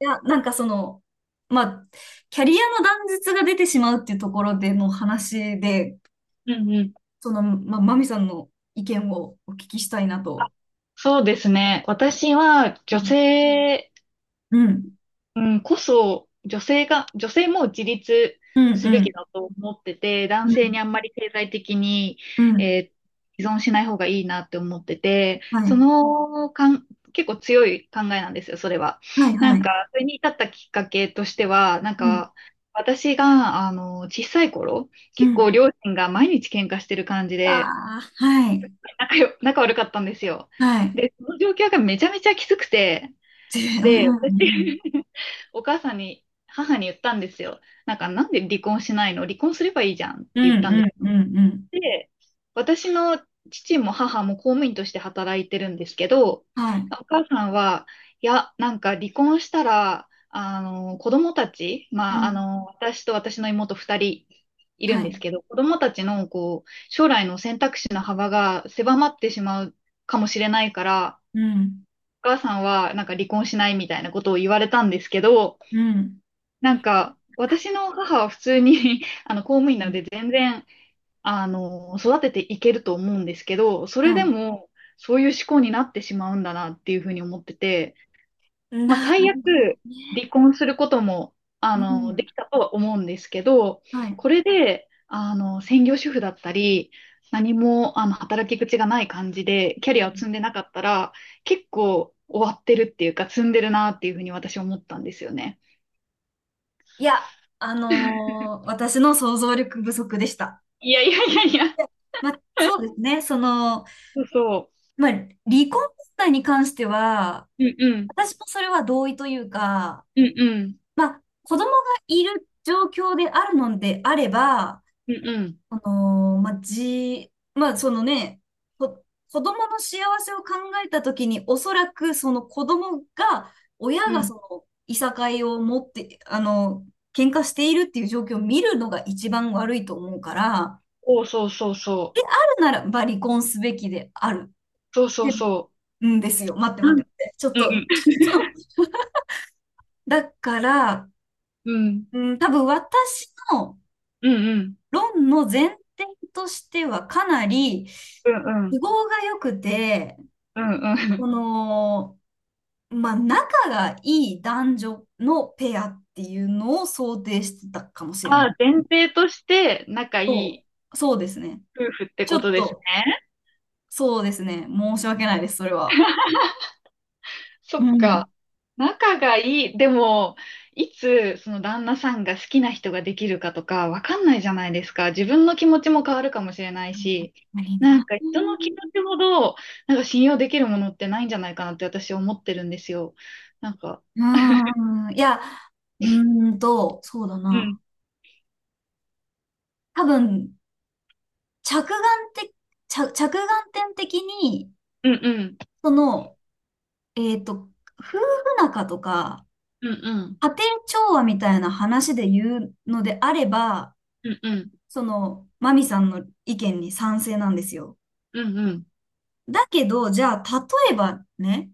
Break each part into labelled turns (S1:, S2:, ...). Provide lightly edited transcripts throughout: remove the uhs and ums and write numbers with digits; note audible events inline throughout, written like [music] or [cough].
S1: いや、なんかその、まあ、キャリアの断絶が出てしまうっていうところでの話で、
S2: うんうん。
S1: その、まあ、マミさんの意見をお聞きしたいなと。
S2: そうですね。私は
S1: う
S2: 女
S1: ん。
S2: 性、
S1: うん。
S2: うん、こそ、女性も自立
S1: うん
S2: す
S1: う
S2: べき
S1: ん。
S2: だと思ってて、男
S1: う
S2: 性
S1: ん。
S2: にあんまり経済的に、
S1: うん。
S2: えー依存しない方がいいなって思ってて、
S1: は
S2: そ
S1: い。
S2: のかん、結構強い考えなんですよ、それは。
S1: はい。
S2: な
S1: は
S2: んか、
S1: い。
S2: それに至ったきっかけとしては、なん
S1: うん。
S2: か、私が、小さい頃、
S1: う
S2: 結
S1: ん。
S2: 構両親が毎日喧嘩してる感じで、
S1: ああ、はい。
S2: 仲悪かったんですよ。
S1: はい。
S2: で、その状況がめちゃめちゃきつくて、
S1: で、う
S2: で、私
S1: ん。
S2: [laughs] お母さんに、母に言ったんですよ。なんか、なんで離婚しないの、離婚すればいいじゃんって
S1: う
S2: 言っ
S1: ん。
S2: たんで
S1: う
S2: す。
S1: ん。うん。うん
S2: で、私の父も母も公務員として働いてるんですけど、
S1: はい。
S2: お母さんは、いや、なんか離婚したら、子供たち、
S1: う
S2: まあ、
S1: ん。
S2: 私と私の妹二人いる
S1: は
S2: んです
S1: い。
S2: けど、子供たちの、こう、将来の選択肢の幅が狭まってしまうかもしれないから、
S1: うん。
S2: お母さんは、なんか離婚しないみたいなことを言われたんですけど、
S1: うん。
S2: なんか、私の母は普通に [laughs] 公務員なので全然、育てていけると思うんですけど、それ
S1: は
S2: で
S1: い。
S2: も、そういう思考になってしまうんだなっていうふうに思ってて、まあ、
S1: な
S2: 最悪、
S1: るほど
S2: 離
S1: ね。
S2: 婚することも、
S1: う
S2: で
S1: ん。
S2: きたとは思うんですけど、
S1: はい。
S2: これで、専業主婦だったり、何も、働き口がない感じで、キャリアを積んでなかったら、結構終わってるっていうか、積んでるなっていうふうに私思ったんですよね。
S1: いや、私の想像力不足でした。
S2: いやいやいやいや、
S1: いやまあ、そうですね。その、
S2: そうそ
S1: まあ、離婚問題に関しては、
S2: う。うんうん。
S1: 私もそれは同意というか、
S2: うんうん。
S1: まあ、子供がいる状況であるのであれば、
S2: うんうん。
S1: あのまあ、まあ、そのね、こ子供の幸せを考えたときに、おそらくその子供が、親
S2: う
S1: が
S2: ん、
S1: その、いさかいを持って、あの、喧嘩しているっていう状況を見るのが一番悪いと思うから、あ
S2: お、そうそうそう。
S1: るならば離婚すべきである。
S2: そうそう
S1: で
S2: そ
S1: うんですよ。待って
S2: う。
S1: 待って待って。ちょっ
S2: うん
S1: と、ちょっと。だから、
S2: うん。
S1: うん、多分私の
S2: うんうんうん。
S1: 論の前提としてはかなり、
S2: うんう
S1: 都
S2: ん。
S1: 合が良くて、
S2: うんう
S1: こ
S2: ん。
S1: の、まあ、仲がいい男女のペアっていうのを想定してたかも
S2: [laughs]
S1: しれな
S2: あ
S1: い。
S2: あ、前提として仲い
S1: そ
S2: い
S1: そうですね。
S2: 夫婦って
S1: ちょ
S2: こと
S1: っ
S2: です
S1: と、
S2: ね。
S1: そうですね。申し訳ないです、それは。
S2: そ
S1: う
S2: っ
S1: ん。
S2: か。仲がいい。でも、いつその旦那さんが好きな人ができるかとかわかんないじゃないですか。自分の気持ちも変わるかもしれないし、なんか人の気
S1: う
S2: 持ちほど、なんか信用できるものってないんじゃないかなって私思ってるんですよ。なんか、
S1: ーん。いや、うそうだ
S2: う
S1: な。
S2: ん、
S1: 多分、着眼的、着眼点的に、
S2: うんうん、
S1: その、えっと、夫婦仲とか、
S2: うんうん。
S1: 家庭調和みたいな話で言うのであれば、
S2: うんうん
S1: その、マミさんの意見に賛成なんですよ。
S2: うん
S1: だけど、じゃあ、例えばね、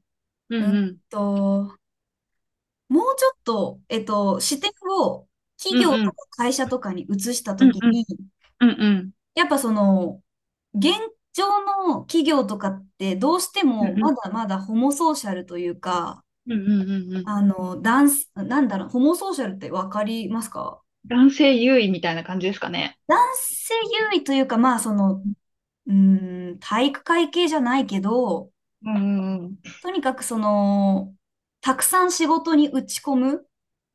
S2: う
S1: うん
S2: ん
S1: と、もうちょっと、視点を企
S2: うんう
S1: 業
S2: んう
S1: と
S2: ん
S1: か会社とかに移した
S2: う
S1: と
S2: ん
S1: き
S2: うん
S1: に、
S2: うんうん
S1: やっぱその、現状の企業とかってどうして
S2: う
S1: もま
S2: ん
S1: だまだホモソーシャルというか、
S2: うんうんうんうんうん。
S1: あの、男性、なんだろう、ホモソーシャルってわかりますか？
S2: 男性優位みたいな感じですかね。
S1: 男性優位というか、まあその、うーん、体育会系じゃないけど、
S2: うんうん
S1: とにかくその、たくさん仕事に打ち込む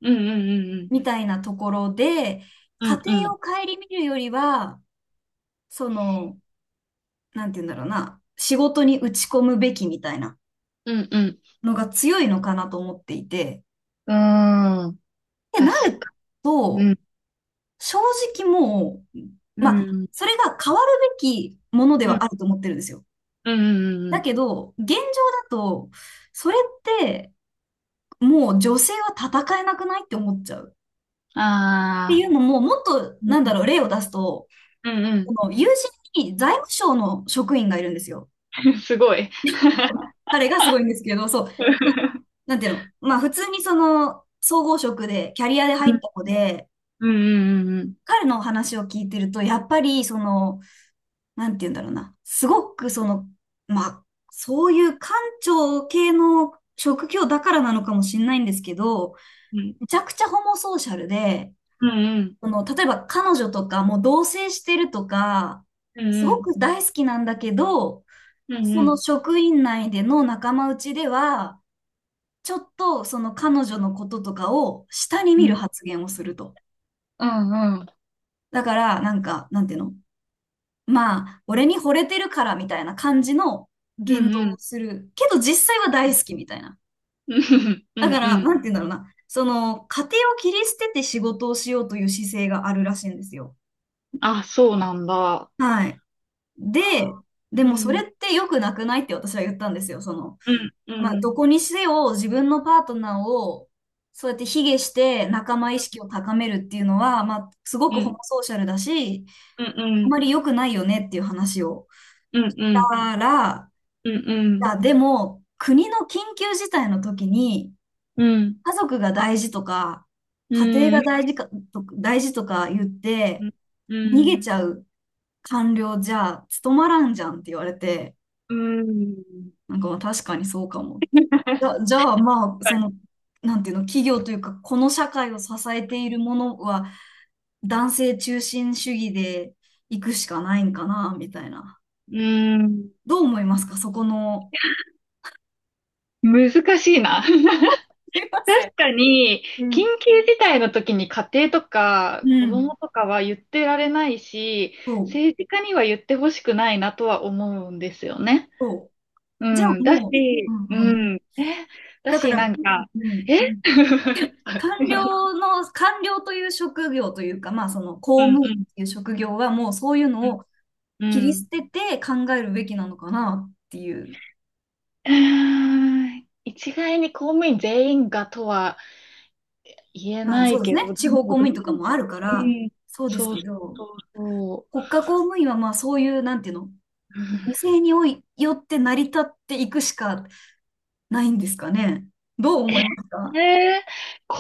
S2: うんうん
S1: みたいなところで、
S2: う
S1: 家
S2: んうんう
S1: 庭
S2: ん
S1: を顧みるよりは、その、なんて言うんだろうな、仕事に打ち込むべきみたいな
S2: うん
S1: のが強いのかなと思っていて、
S2: うんうん。
S1: って
S2: 確
S1: なる
S2: かに。う
S1: と、
S2: ん
S1: 正直もう、
S2: う
S1: まあ、
S2: ん
S1: それが変わるべきもので
S2: うん
S1: はあると思ってるんですよ。
S2: うんうん。う
S1: だ
S2: ん、
S1: けど、現状だと、それって、もう女性は戦えなくないって思っちゃう。ってい
S2: ああ。
S1: うのも、もっと、なんだろう、例を出すと、
S2: うん
S1: この友人に財務省の職員がいるんですよ。
S2: うん。すごい。
S1: 彼がすごいんですけど、そう。なんていうの、まあ普通にその総合職でキャリアで
S2: う
S1: 入った
S2: ん
S1: 子で、
S2: うんうん
S1: 彼の話を聞いてると、やっぱりその、なんていうんだろうな、すごくその、まあ、そういう官庁系の職業だからなのかもしれないんですけど、
S2: うん
S1: めちゃくちゃホモソーシャルで、
S2: うんうん
S1: その、例えば彼女とかもう同棲してるとか、
S2: う
S1: すご
S2: ん
S1: く大好きなんだけど、
S2: うんうん
S1: そ
S2: う
S1: の
S2: ん
S1: 職員内での仲間内では、ちょっとその彼女のこととかを下に
S2: う
S1: 見
S2: ん
S1: る
S2: うん
S1: 発言をすると。だから、なんか、なんていうの、まあ、俺に惚れてるからみたいな感じの
S2: うんうん
S1: 言動
S2: うんう
S1: を
S2: ん
S1: する。けど実際は大好きみたいな。
S2: うんう
S1: だ
S2: ん。
S1: か
S2: う
S1: ら、
S2: ん
S1: なんていうんだろうな。その、家庭を切り捨てて仕事をしようという姿勢があるらしいんですよ。
S2: あ、そうなんだ。
S1: はい。で、で
S2: う
S1: もそれ
S2: ん、
S1: って良くなくないって私は言ったんですよ。その、
S2: うん、う
S1: まあ、
S2: ん、
S1: どこにせよ自分のパートナーをそうやって卑下して仲間意識を高めるっていうのは、まあ、すごく
S2: う
S1: ホモ
S2: ん、
S1: ソーシャルだし、
S2: うん、う
S1: あ
S2: ん、
S1: まり良くないよねっていう話を。
S2: うん、う
S1: し
S2: ん、
S1: たら、
S2: う
S1: い
S2: ん、
S1: や、でも、国の緊急事態の時に、
S2: うん、
S1: 家族が大事とか、
S2: う
S1: 家庭
S2: ん、うん、う
S1: が
S2: ん、
S1: 大事か、と大事とか言って、
S2: う
S1: 逃げ
S2: ん、
S1: ちゃう官僚じゃ務まらんじゃんって言われて、
S2: うん、
S1: なんかまあ確かにそうかも。じゃあまあ、その、なんていうの、企業というか、この社会を支えているものは、男性中心主義で行くしかないんかな、みたいな。
S2: うん。
S1: どう思いますか、そこの。
S2: 難しいな。[laughs]
S1: すいません。
S2: 確かに、
S1: う
S2: 緊
S1: ん。
S2: 急事態の時に家庭と
S1: う
S2: か子
S1: ん。
S2: 供とかは言ってられないし、
S1: そう、
S2: 政治家には言ってほしくないなとは思うんですよね。
S1: そ
S2: う
S1: う。じゃ
S2: ん、
S1: あ
S2: だ
S1: もう、う
S2: し、
S1: んうん。
S2: うん、だ
S1: だか
S2: し、
S1: ら、
S2: なんか、
S1: うん。
S2: [laughs] うん
S1: 官僚という職業というか、まあその
S2: う
S1: 公務
S2: ん
S1: 員という職業はもうそういう
S2: う
S1: の
S2: ん。
S1: を
S2: う
S1: 切り捨
S2: ん。
S1: てて考えるべきな
S2: う
S1: のかなっていう。
S2: 一概に公務員全員がとは言え
S1: まあ
S2: な
S1: そう
S2: い
S1: です
S2: け
S1: ね。
S2: ど、で
S1: 地方公
S2: もど
S1: 務
S2: う、
S1: 員とかもあるか
S2: う
S1: ら、
S2: ん、
S1: そうです
S2: そう
S1: けど、
S2: そうそ
S1: 国家公務員はまあそういう、なんていうの、
S2: う。うん。
S1: 犠牲においよって成り立っていくしかないんですかね。どう思いますか？
S2: 公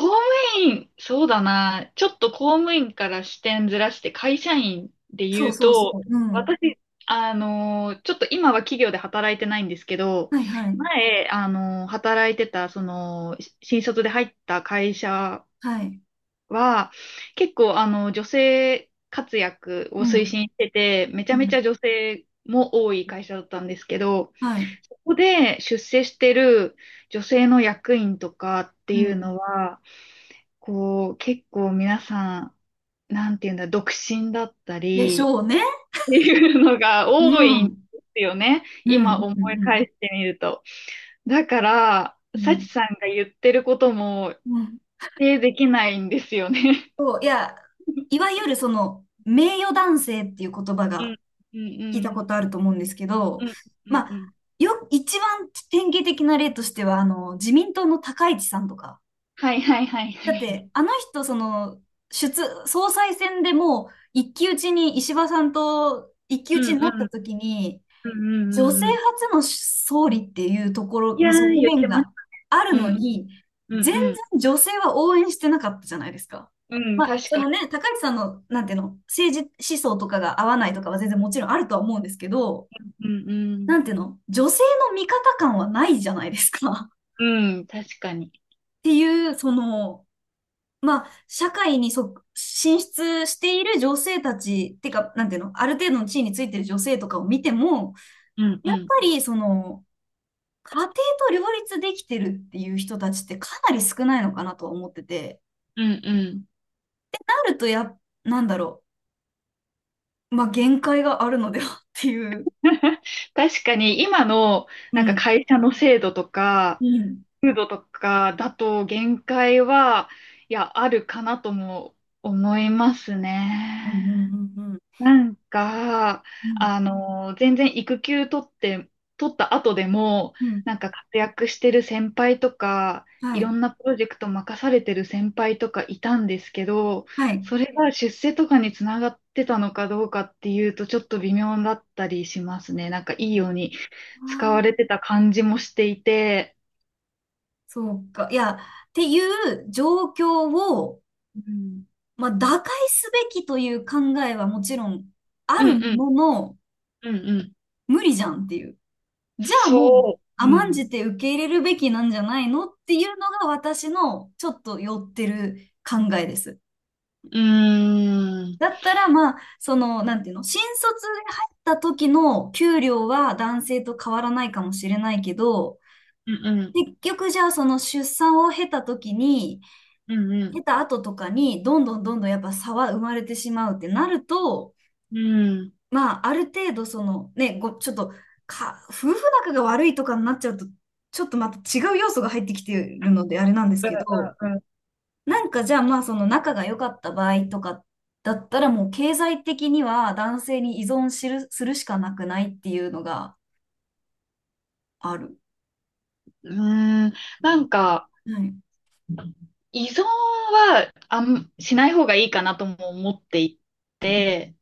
S2: 務員、そうだな。ちょっと公務員から視点ずらして会社員で
S1: そう
S2: 言う
S1: そうそ
S2: と、
S1: う。うん。
S2: 私、ちょっと今は企業で働いてないんですけど、
S1: はいはい。
S2: 前、働いてた、新卒で入った会社
S1: はい。
S2: は、結構、女性活躍を
S1: う
S2: 推
S1: ん。
S2: 進してて、めち
S1: う
S2: ゃめち
S1: ん。
S2: ゃ女性も多い会社だったんですけど、
S1: はい。
S2: そこで出世してる女性の役員とかって
S1: う
S2: いう
S1: ん。
S2: のは、こう、結構皆さん、なんていうんだ、独身だった
S1: でし
S2: り、
S1: ょうね。
S2: いうのが
S1: う
S2: 多いんで
S1: ん。
S2: すよね。
S1: う
S2: 今
S1: ん。
S2: 思
S1: う
S2: い返
S1: ん。
S2: してみると。だから、
S1: う
S2: サチ
S1: ん。
S2: さんが言ってることも
S1: うん。
S2: 否定できないんですよね。
S1: そう、いや、いわゆるその、名誉男性っていう言葉
S2: う
S1: が、
S2: ん、うん、う
S1: 聞いた
S2: ん、
S1: ことあると思うんですけど、
S2: うん、うん、
S1: ま
S2: う
S1: あ、
S2: ん。
S1: 一番典型的な例としては、あの、自民党の高市さんとか。
S2: はいはいはいは
S1: だっ
S2: い。
S1: て、あの人、その、出、総裁選でもう、一騎打ちに、石破さんと一騎
S2: う
S1: 打ちに
S2: ん、
S1: な
S2: う
S1: った
S2: ん、
S1: 時に、
S2: うん、うん、う
S1: 女性
S2: んうん。
S1: 初の総理っていうところ
S2: い
S1: の
S2: やー、
S1: 側
S2: 言っ
S1: 面
S2: てます。
S1: がある
S2: う
S1: の
S2: ん、
S1: に、
S2: うん、
S1: 全
S2: うん、
S1: 然女性は応援してなかったじゃないですか。
S2: うん。うん、
S1: まあ、
S2: 確
S1: そ
S2: かに。
S1: のね、高市さんの、なんていうの、政治思想とかが合わないとかは全然もちろんあるとは思うんですけど、
S2: うん、うん。
S1: なんていうの、女性の味方感はないじゃないですか。[laughs] っ
S2: うん、確かに。
S1: ていう、その、まあ、社会に進出している女性たち、ってか、なんていうの、ある程度の地位についてる女性とかを見ても、
S2: うん、う
S1: やっ
S2: ん、
S1: ぱり、その、家庭と両立できてるっていう人たちってかなり少ないのかなとは思ってて、
S2: うん、うん。
S1: なるとや、なんだろう、まあ、限界があるのではっていう。
S2: [laughs] 確かに今の
S1: う
S2: なんか
S1: ん。
S2: 会社の制度とか、
S1: うん。
S2: 風土とかだと限界は、いや、あるかなとも思います
S1: うんう
S2: ね。
S1: んうんうん。
S2: なんか、
S1: うん。
S2: 全然育休取って、取った後でも、
S1: うんうん
S2: なんか活躍してる先輩とか、い
S1: は
S2: ろ
S1: い。
S2: んなプロジェクト任されてる先輩とかいたんですけど、
S1: はい。
S2: それが出世とかにつながってたのかどうかっていうと、ちょっと微妙だったりしますね。なんかいいように
S1: あ
S2: 使
S1: ー、
S2: われてた感じもしていて、
S1: そうか。いや、っていう状況を、
S2: うん、
S1: まあ、打開すべきという考えはもちろんあ
S2: うん、
S1: る
S2: うん、
S1: ものの、
S2: うん、うん。
S1: 無理じゃんっていう。じゃあもう、
S2: そう、う
S1: 甘ん
S2: ん、
S1: じて受け入れるべきなんじゃないのっていうのが私のちょっと寄ってる考えです。
S2: うーん、
S1: だったら、まあ、その、なんていうの、新卒で入った時の給料は男性と変わらないかもしれないけど、
S2: うん、うん、
S1: 結局じゃあその出産を経た時に、
S2: うん、う
S1: 経
S2: ん。
S1: た後とかに、どんどんどんどんやっぱ差は生まれてしまうってなると、
S2: うん
S1: まあ、ある程度その、ね、ちょっと、夫婦仲が悪いとかになっちゃうと、ちょっとまた違う要素が入ってきてるのであれなんですけど、
S2: うんうん
S1: なんかじゃあまあその仲が良かった場合とかだったらもう経済的には男性に依存する、するしかなくないっていうのがある。
S2: うん、なん
S1: う
S2: か、
S1: んはい。
S2: 依存はあん、しない方がいいかなとも思っていて、